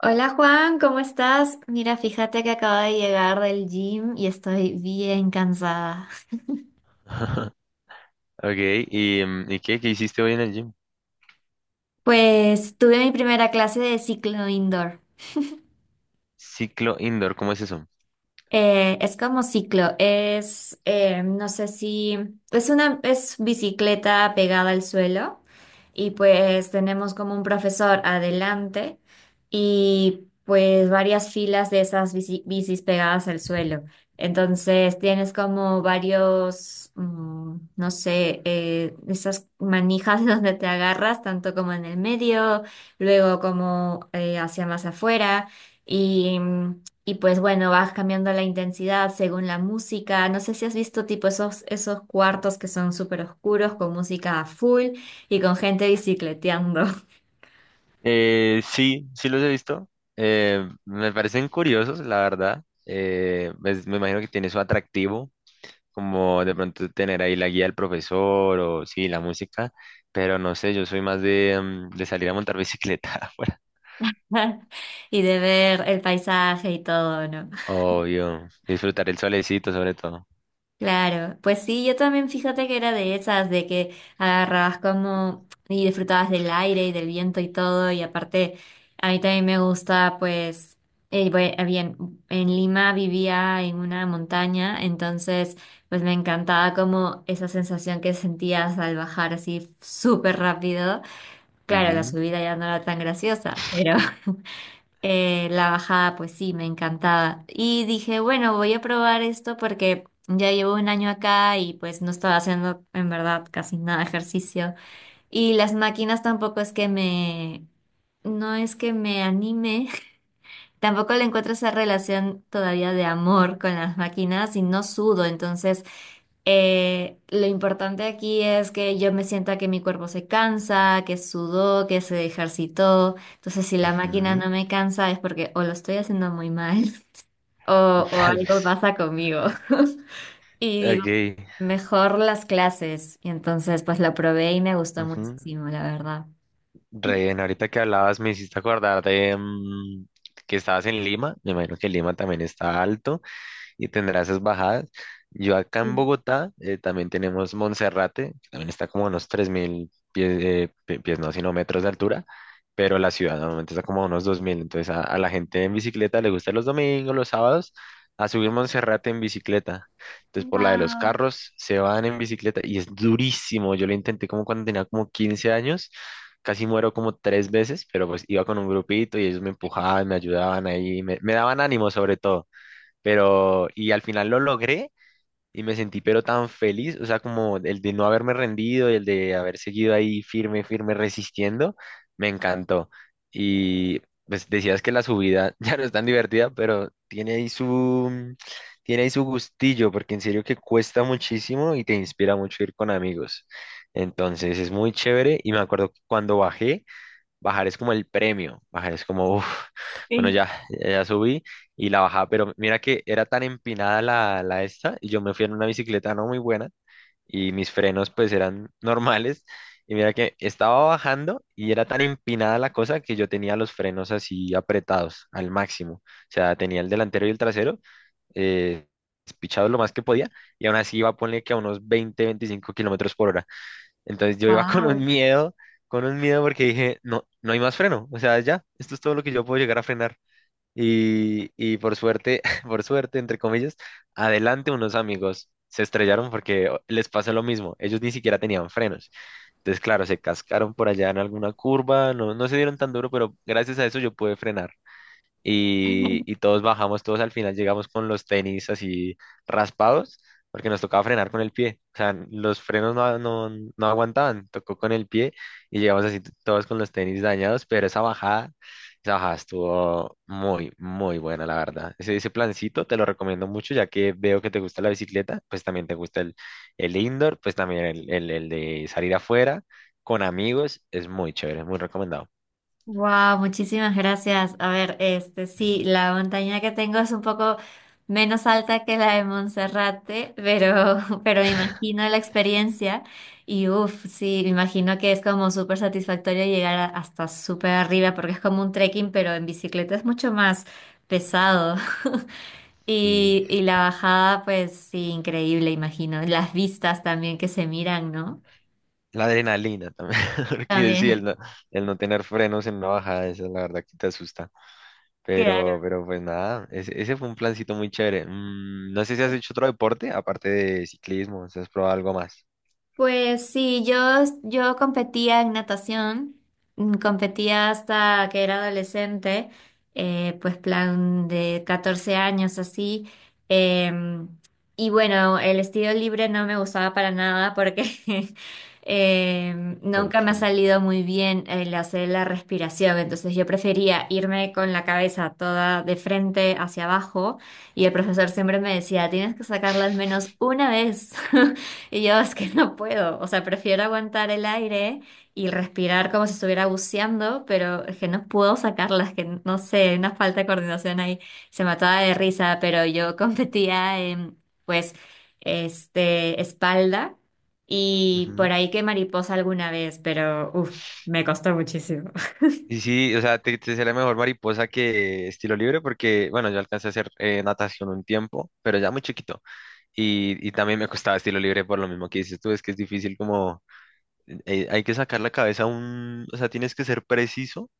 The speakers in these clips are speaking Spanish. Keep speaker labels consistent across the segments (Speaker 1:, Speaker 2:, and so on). Speaker 1: Hola Juan, ¿cómo estás? Mira, fíjate que acabo de llegar del gym y estoy bien cansada.
Speaker 2: Ok. ¿Y qué hiciste hoy en el gym?
Speaker 1: Pues tuve mi primera clase de ciclo indoor.
Speaker 2: Ciclo indoor, ¿cómo es eso?
Speaker 1: Es como ciclo, no sé si, es una, es bicicleta pegada al suelo, y pues tenemos como un profesor adelante y pues varias filas de esas bicis pegadas al suelo. Entonces tienes como varios, no sé, esas manijas donde te agarras, tanto como en el medio, luego como hacia más afuera. Y mm, y pues bueno, vas cambiando la intensidad según la música. No sé si has visto tipo esos, esos cuartos que son súper oscuros con música a full y con gente bicicleteando
Speaker 2: Sí, sí los he visto. Me parecen curiosos, la verdad. Pues, me imagino que tiene su atractivo, como de pronto tener ahí la guía del profesor o sí, la música, pero no sé, yo soy más de, de salir a montar bicicleta afuera.
Speaker 1: y de ver el paisaje y todo, ¿no?
Speaker 2: Obvio, disfrutar el solecito sobre todo.
Speaker 1: Claro, pues sí, yo también fíjate que era de esas, de que agarrabas como y disfrutabas del aire y del viento y todo, y aparte a mí también me gusta, pues, bien, en Lima vivía en una montaña, entonces pues me encantaba como esa sensación que sentías al bajar así súper rápido. Claro, la
Speaker 2: Ujú,
Speaker 1: subida ya no era tan graciosa, pero... La bajada, pues sí, me encantaba. Y dije, bueno, voy a probar esto porque ya llevo un año acá y pues no estaba haciendo en verdad casi nada de ejercicio. Y las máquinas tampoco es que me, no es que me anime. Tampoco le encuentro esa relación todavía de amor con las máquinas y no sudo, entonces lo importante aquí es que yo me sienta que mi cuerpo se cansa, que sudó, que se ejercitó. Entonces si la máquina
Speaker 2: ujú,
Speaker 1: no me cansa es porque o lo estoy haciendo muy mal o, o
Speaker 2: tal vez.
Speaker 1: algo pasa conmigo. Y digo,
Speaker 2: Ok,
Speaker 1: mejor las clases, y entonces pues lo probé y me gustó
Speaker 2: ujú.
Speaker 1: muchísimo, la verdad.
Speaker 2: Re ahorita que hablabas me hiciste acordar de que estabas en Lima. Me imagino que Lima también está alto y tendrá esas bajadas. Yo acá en
Speaker 1: Sí.
Speaker 2: Bogotá también tenemos Monserrate, que también está como a unos 3.000 pies, no, sino metros de altura, pero la ciudad normalmente está como a unos 2.000. Entonces a la gente en bicicleta le gusta los domingos, los sábados, a subir Monserrate en bicicleta. Entonces por la de los
Speaker 1: Wow.
Speaker 2: carros se van en bicicleta y es durísimo. Yo lo intenté como cuando tenía como 15 años. Casi muero como tres veces, pero pues iba con un grupito y ellos me empujaban, me ayudaban ahí, me daban ánimo sobre todo. Pero, y al final lo logré y me sentí pero tan feliz, o sea, como el de no haberme rendido y el de haber seguido ahí firme, firme, resistiendo, me encantó. Y pues decías que la subida ya no es tan divertida, pero tiene ahí su, tiene ahí su gustillo, porque en serio que cuesta muchísimo y te inspira mucho ir con amigos. Entonces es muy chévere y me acuerdo que cuando bajé. Bajar es como el premio, bajar es como, uf, bueno,
Speaker 1: Sí.
Speaker 2: ya, ya subí y la bajaba, pero mira que era tan empinada la esta y yo me fui en una bicicleta no muy buena y mis frenos pues eran normales y mira que estaba bajando y era tan empinada la cosa que yo tenía los frenos así apretados al máximo, o sea, tenía el delantero y el trasero eh, pichados lo más que podía y aún así iba a poner que a unos 20 25 kilómetros por hora. Entonces yo iba
Speaker 1: Wow.
Speaker 2: con un miedo porque dije, no, no hay más freno, o sea, ya, esto es todo lo que yo puedo llegar a frenar. Y por suerte, por suerte, entre comillas, adelante unos amigos se estrellaron porque les pasó lo mismo, ellos ni siquiera tenían frenos. Entonces, claro, se cascaron por allá en alguna curva, no, no se dieron tan duro, pero gracias a eso yo pude frenar y, y todos bajamos, todos al final llegamos con los tenis así raspados, porque nos tocaba frenar con el pie. O sea, los frenos no, no, no aguantaban, tocó con el pie y llegamos así todos con los tenis dañados, pero esa bajada estuvo muy, muy buena, la verdad. Ese plancito te lo recomiendo mucho, ya que veo que te gusta la bicicleta, pues también te gusta el indoor, pues también el de salir afuera. Con amigos es muy chévere, muy recomendado.
Speaker 1: Wow, muchísimas gracias. A ver, este sí, la montaña que tengo es un poco menos alta que la de Monserrate, pero pero me imagino la experiencia y uff, sí, me imagino que es como súper satisfactorio llegar hasta súper arriba porque es como un trekking, pero en bicicleta es mucho más pesado. Y la bajada, pues sí, increíble, imagino. Las vistas también que se miran, ¿no?
Speaker 2: La adrenalina también, porque sí, el
Speaker 1: También,
Speaker 2: no, el no tener frenos en una bajada, eso la verdad que te asusta.
Speaker 1: claro.
Speaker 2: Pero pues nada, ese fue un plancito muy chévere. No sé si has hecho otro deporte, aparte de ciclismo, si has probado algo más.
Speaker 1: Pues sí, yo competía en natación, competía hasta que era adolescente, pues plan de 14 años así. em, y bueno, el estilo libre no me gustaba para nada porque nunca me ha
Speaker 2: Porque.
Speaker 1: salido muy bien el hacer la respiración, entonces yo prefería irme con la cabeza toda de frente hacia abajo, y el profesor siempre me decía, tienes que sacarla al menos una vez. Y yo es que no puedo, o sea, prefiero aguantar el aire y respirar como si estuviera buceando, pero es que no puedo sacarlas, que no sé, hay una falta de coordinación ahí, se mataba de risa, pero yo competía en, pues, este, espalda y por
Speaker 2: Ujú.
Speaker 1: ahí que mariposa alguna vez, pero uff, me costó muchísimo.
Speaker 2: Sí, o sea, te será mejor mariposa que estilo libre, porque, bueno, yo alcancé a hacer natación un tiempo, pero ya muy chiquito. Y también me costaba estilo libre por lo mismo que dices tú, es que es difícil como, hay que sacar la cabeza un, o sea, tienes que ser preciso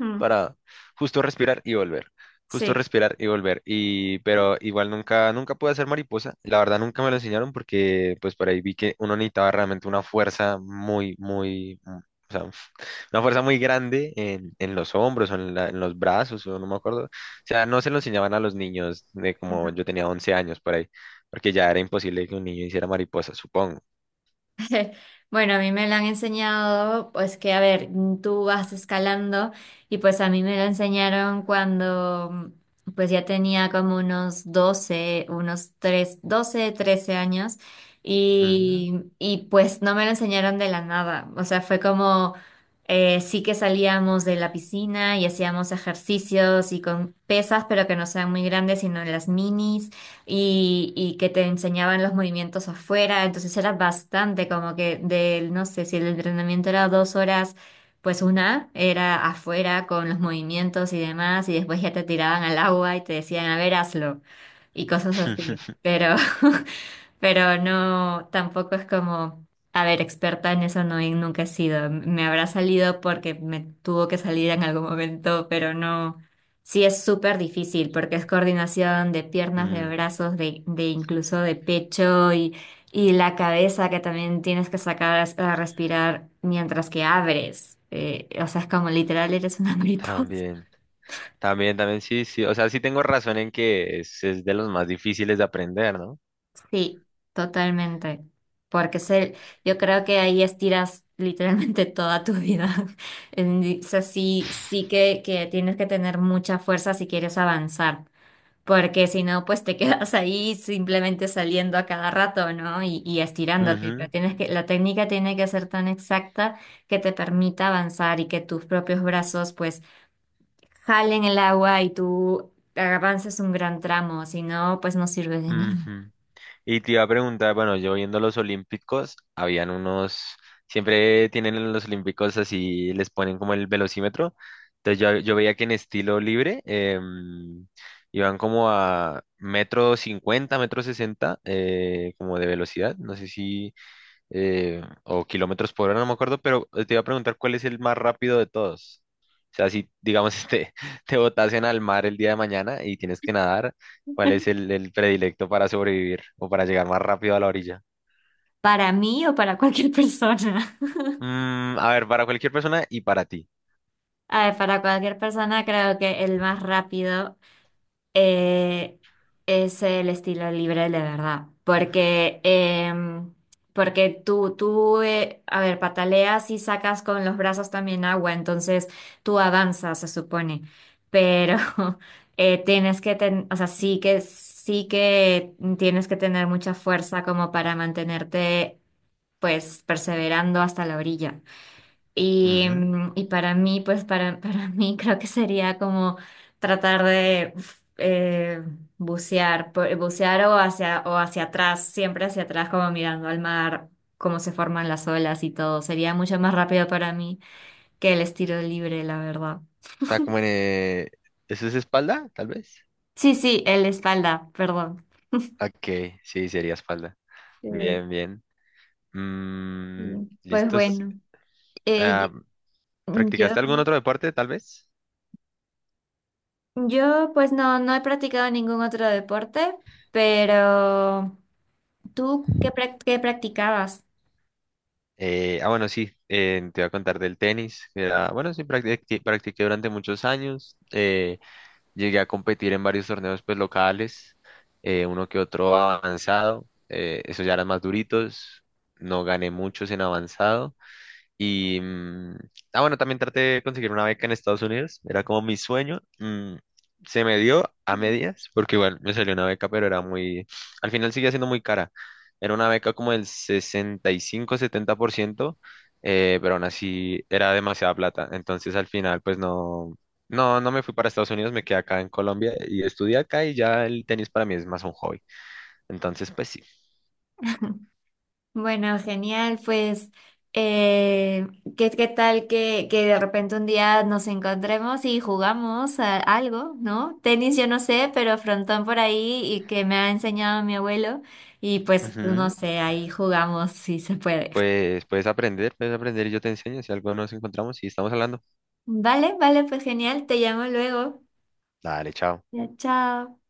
Speaker 1: Mm.
Speaker 2: para justo respirar y volver. Justo
Speaker 1: Sí.
Speaker 2: respirar y volver. Y, pero igual nunca, nunca pude hacer mariposa. La verdad nunca me lo enseñaron porque pues por ahí vi que uno necesitaba realmente una fuerza muy, muy, o sea, una fuerza muy grande en los hombros o en los brazos, o no me acuerdo. O sea, no se lo enseñaban a los niños de como yo tenía 11 años por ahí, porque ya era imposible que un niño hiciera mariposa, supongo.
Speaker 1: Bueno, a mí me lo han enseñado, pues que, a ver, tú vas escalando y pues a mí me lo enseñaron cuando pues ya tenía como unos 12, unos 3, 12, 13 años,
Speaker 2: Ujú.
Speaker 1: y pues no me lo enseñaron de la nada, o sea, fue como sí que salíamos de la piscina y hacíamos ejercicios y con pesas, pero que no sean muy grandes, sino las minis, y que te enseñaban los movimientos afuera, entonces era bastante como que del, no sé, si el entrenamiento era 2 horas, pues una era afuera con los movimientos y demás, y después ya te tiraban al agua y te decían, a ver, hazlo, y cosas así. Pero no, tampoco es como, a ver, experta en eso no, y nunca he sido. Me habrá salido porque me tuvo que salir en algún momento, pero no. Sí es súper difícil porque es coordinación de piernas, de
Speaker 2: Mm,
Speaker 1: brazos, de incluso de pecho, y la cabeza que también tienes que sacar a respirar mientras que abres. O sea, es como literal eres una mariposa.
Speaker 2: también. También, también sí, sí. O sea, sí tengo razón en que es de los más difíciles de aprender, ¿no?
Speaker 1: Sí, totalmente. Porque se, yo creo que ahí estiras literalmente toda tu vida. O sea, sí, que tienes que tener mucha fuerza si quieres avanzar. Porque si no, pues te quedas ahí simplemente saliendo a cada rato, ¿no? Y estirándote. Pero
Speaker 2: Ujú,
Speaker 1: tienes que, la técnica tiene que ser tan exacta que te permita avanzar y que tus propios brazos, pues, jalen el agua y tú avances un gran tramo. Si no, pues no sirve de nada.
Speaker 2: ujú. Y te iba a preguntar, bueno, yo viendo los olímpicos, habían unos, siempre tienen en los olímpicos así, les ponen como el velocímetro. Entonces yo, veía que en estilo libre iban como a metro cincuenta, metro sesenta, como de velocidad. No sé si o kilómetros por hora, no me acuerdo, pero te iba a preguntar cuál es el más rápido de todos. O sea, si digamos te botasen al mar el día de mañana y tienes que nadar, ¿cuál es el, predilecto para sobrevivir o para llegar más rápido a la orilla?
Speaker 1: ¿Para mí o para cualquier persona?
Speaker 2: A ver, para cualquier persona y para ti.
Speaker 1: A ver, para cualquier persona creo que el más rápido eh, es el estilo libre de verdad, porque, porque tú a ver, pataleas y sacas con los brazos también agua, entonces tú avanzas, se supone, pero o sea, sí que tienes que tener mucha fuerza como para mantenerte, pues, perseverando hasta la orilla. Y,
Speaker 2: Ujú.
Speaker 1: y para mí, pues para mí creo que sería como tratar de uf, bucear, bucear o hacia atrás, siempre hacia atrás, como mirando al mar, cómo se forman las olas y todo. Sería mucho más rápido para mí que el estilo libre, la verdad.
Speaker 2: O sea, ¿eso es espalda, tal vez?
Speaker 1: Sí, sí, el espalda, perdón.
Speaker 2: Ok, sí, sería espalda.
Speaker 1: Sí,
Speaker 2: Bien, bien.
Speaker 1: sí.
Speaker 2: Mm,
Speaker 1: Pues
Speaker 2: ¿listos?
Speaker 1: bueno, eh, yo,
Speaker 2: Ah,
Speaker 1: yo,
Speaker 2: ¿practicaste algún otro deporte, tal vez?
Speaker 1: yo, pues no, no he practicado ningún otro deporte, pero... ¿Tú qué, qué practicabas?
Speaker 2: Ah, bueno, sí, te voy a contar del tenis. Bueno, sí, practiqué durante muchos años. Llegué a competir en varios torneos pues, locales, uno que otro avanzado. Esos ya eran más duritos. No gané muchos en avanzado. Y, ah, bueno, también traté de conseguir una beca en Estados Unidos, era como mi sueño. Se me dio a medias, porque igual me salió una beca, pero era muy, al final seguía siendo muy cara. Era una beca como del 65-70%, pero aún así era demasiada plata. Entonces al final, pues no, no, no me fui para Estados Unidos, me quedé acá en Colombia y estudié acá y ya el tenis para mí es más un hobby. Entonces, pues sí.
Speaker 1: Bueno, genial, pues eh, ¿qué, qué tal que de repente un día nos encontremos y jugamos a algo, ¿no? Tenis yo no sé, pero frontón por ahí y que me ha enseñado mi abuelo y pues no
Speaker 2: Ujú.
Speaker 1: sé, ahí jugamos si se puede.
Speaker 2: Pues puedes aprender y yo te enseño si algo nos encontramos y estamos hablando.
Speaker 1: Vale, vale, pues genial, te llamo luego.
Speaker 2: Dale, chao.
Speaker 1: Ya, chao.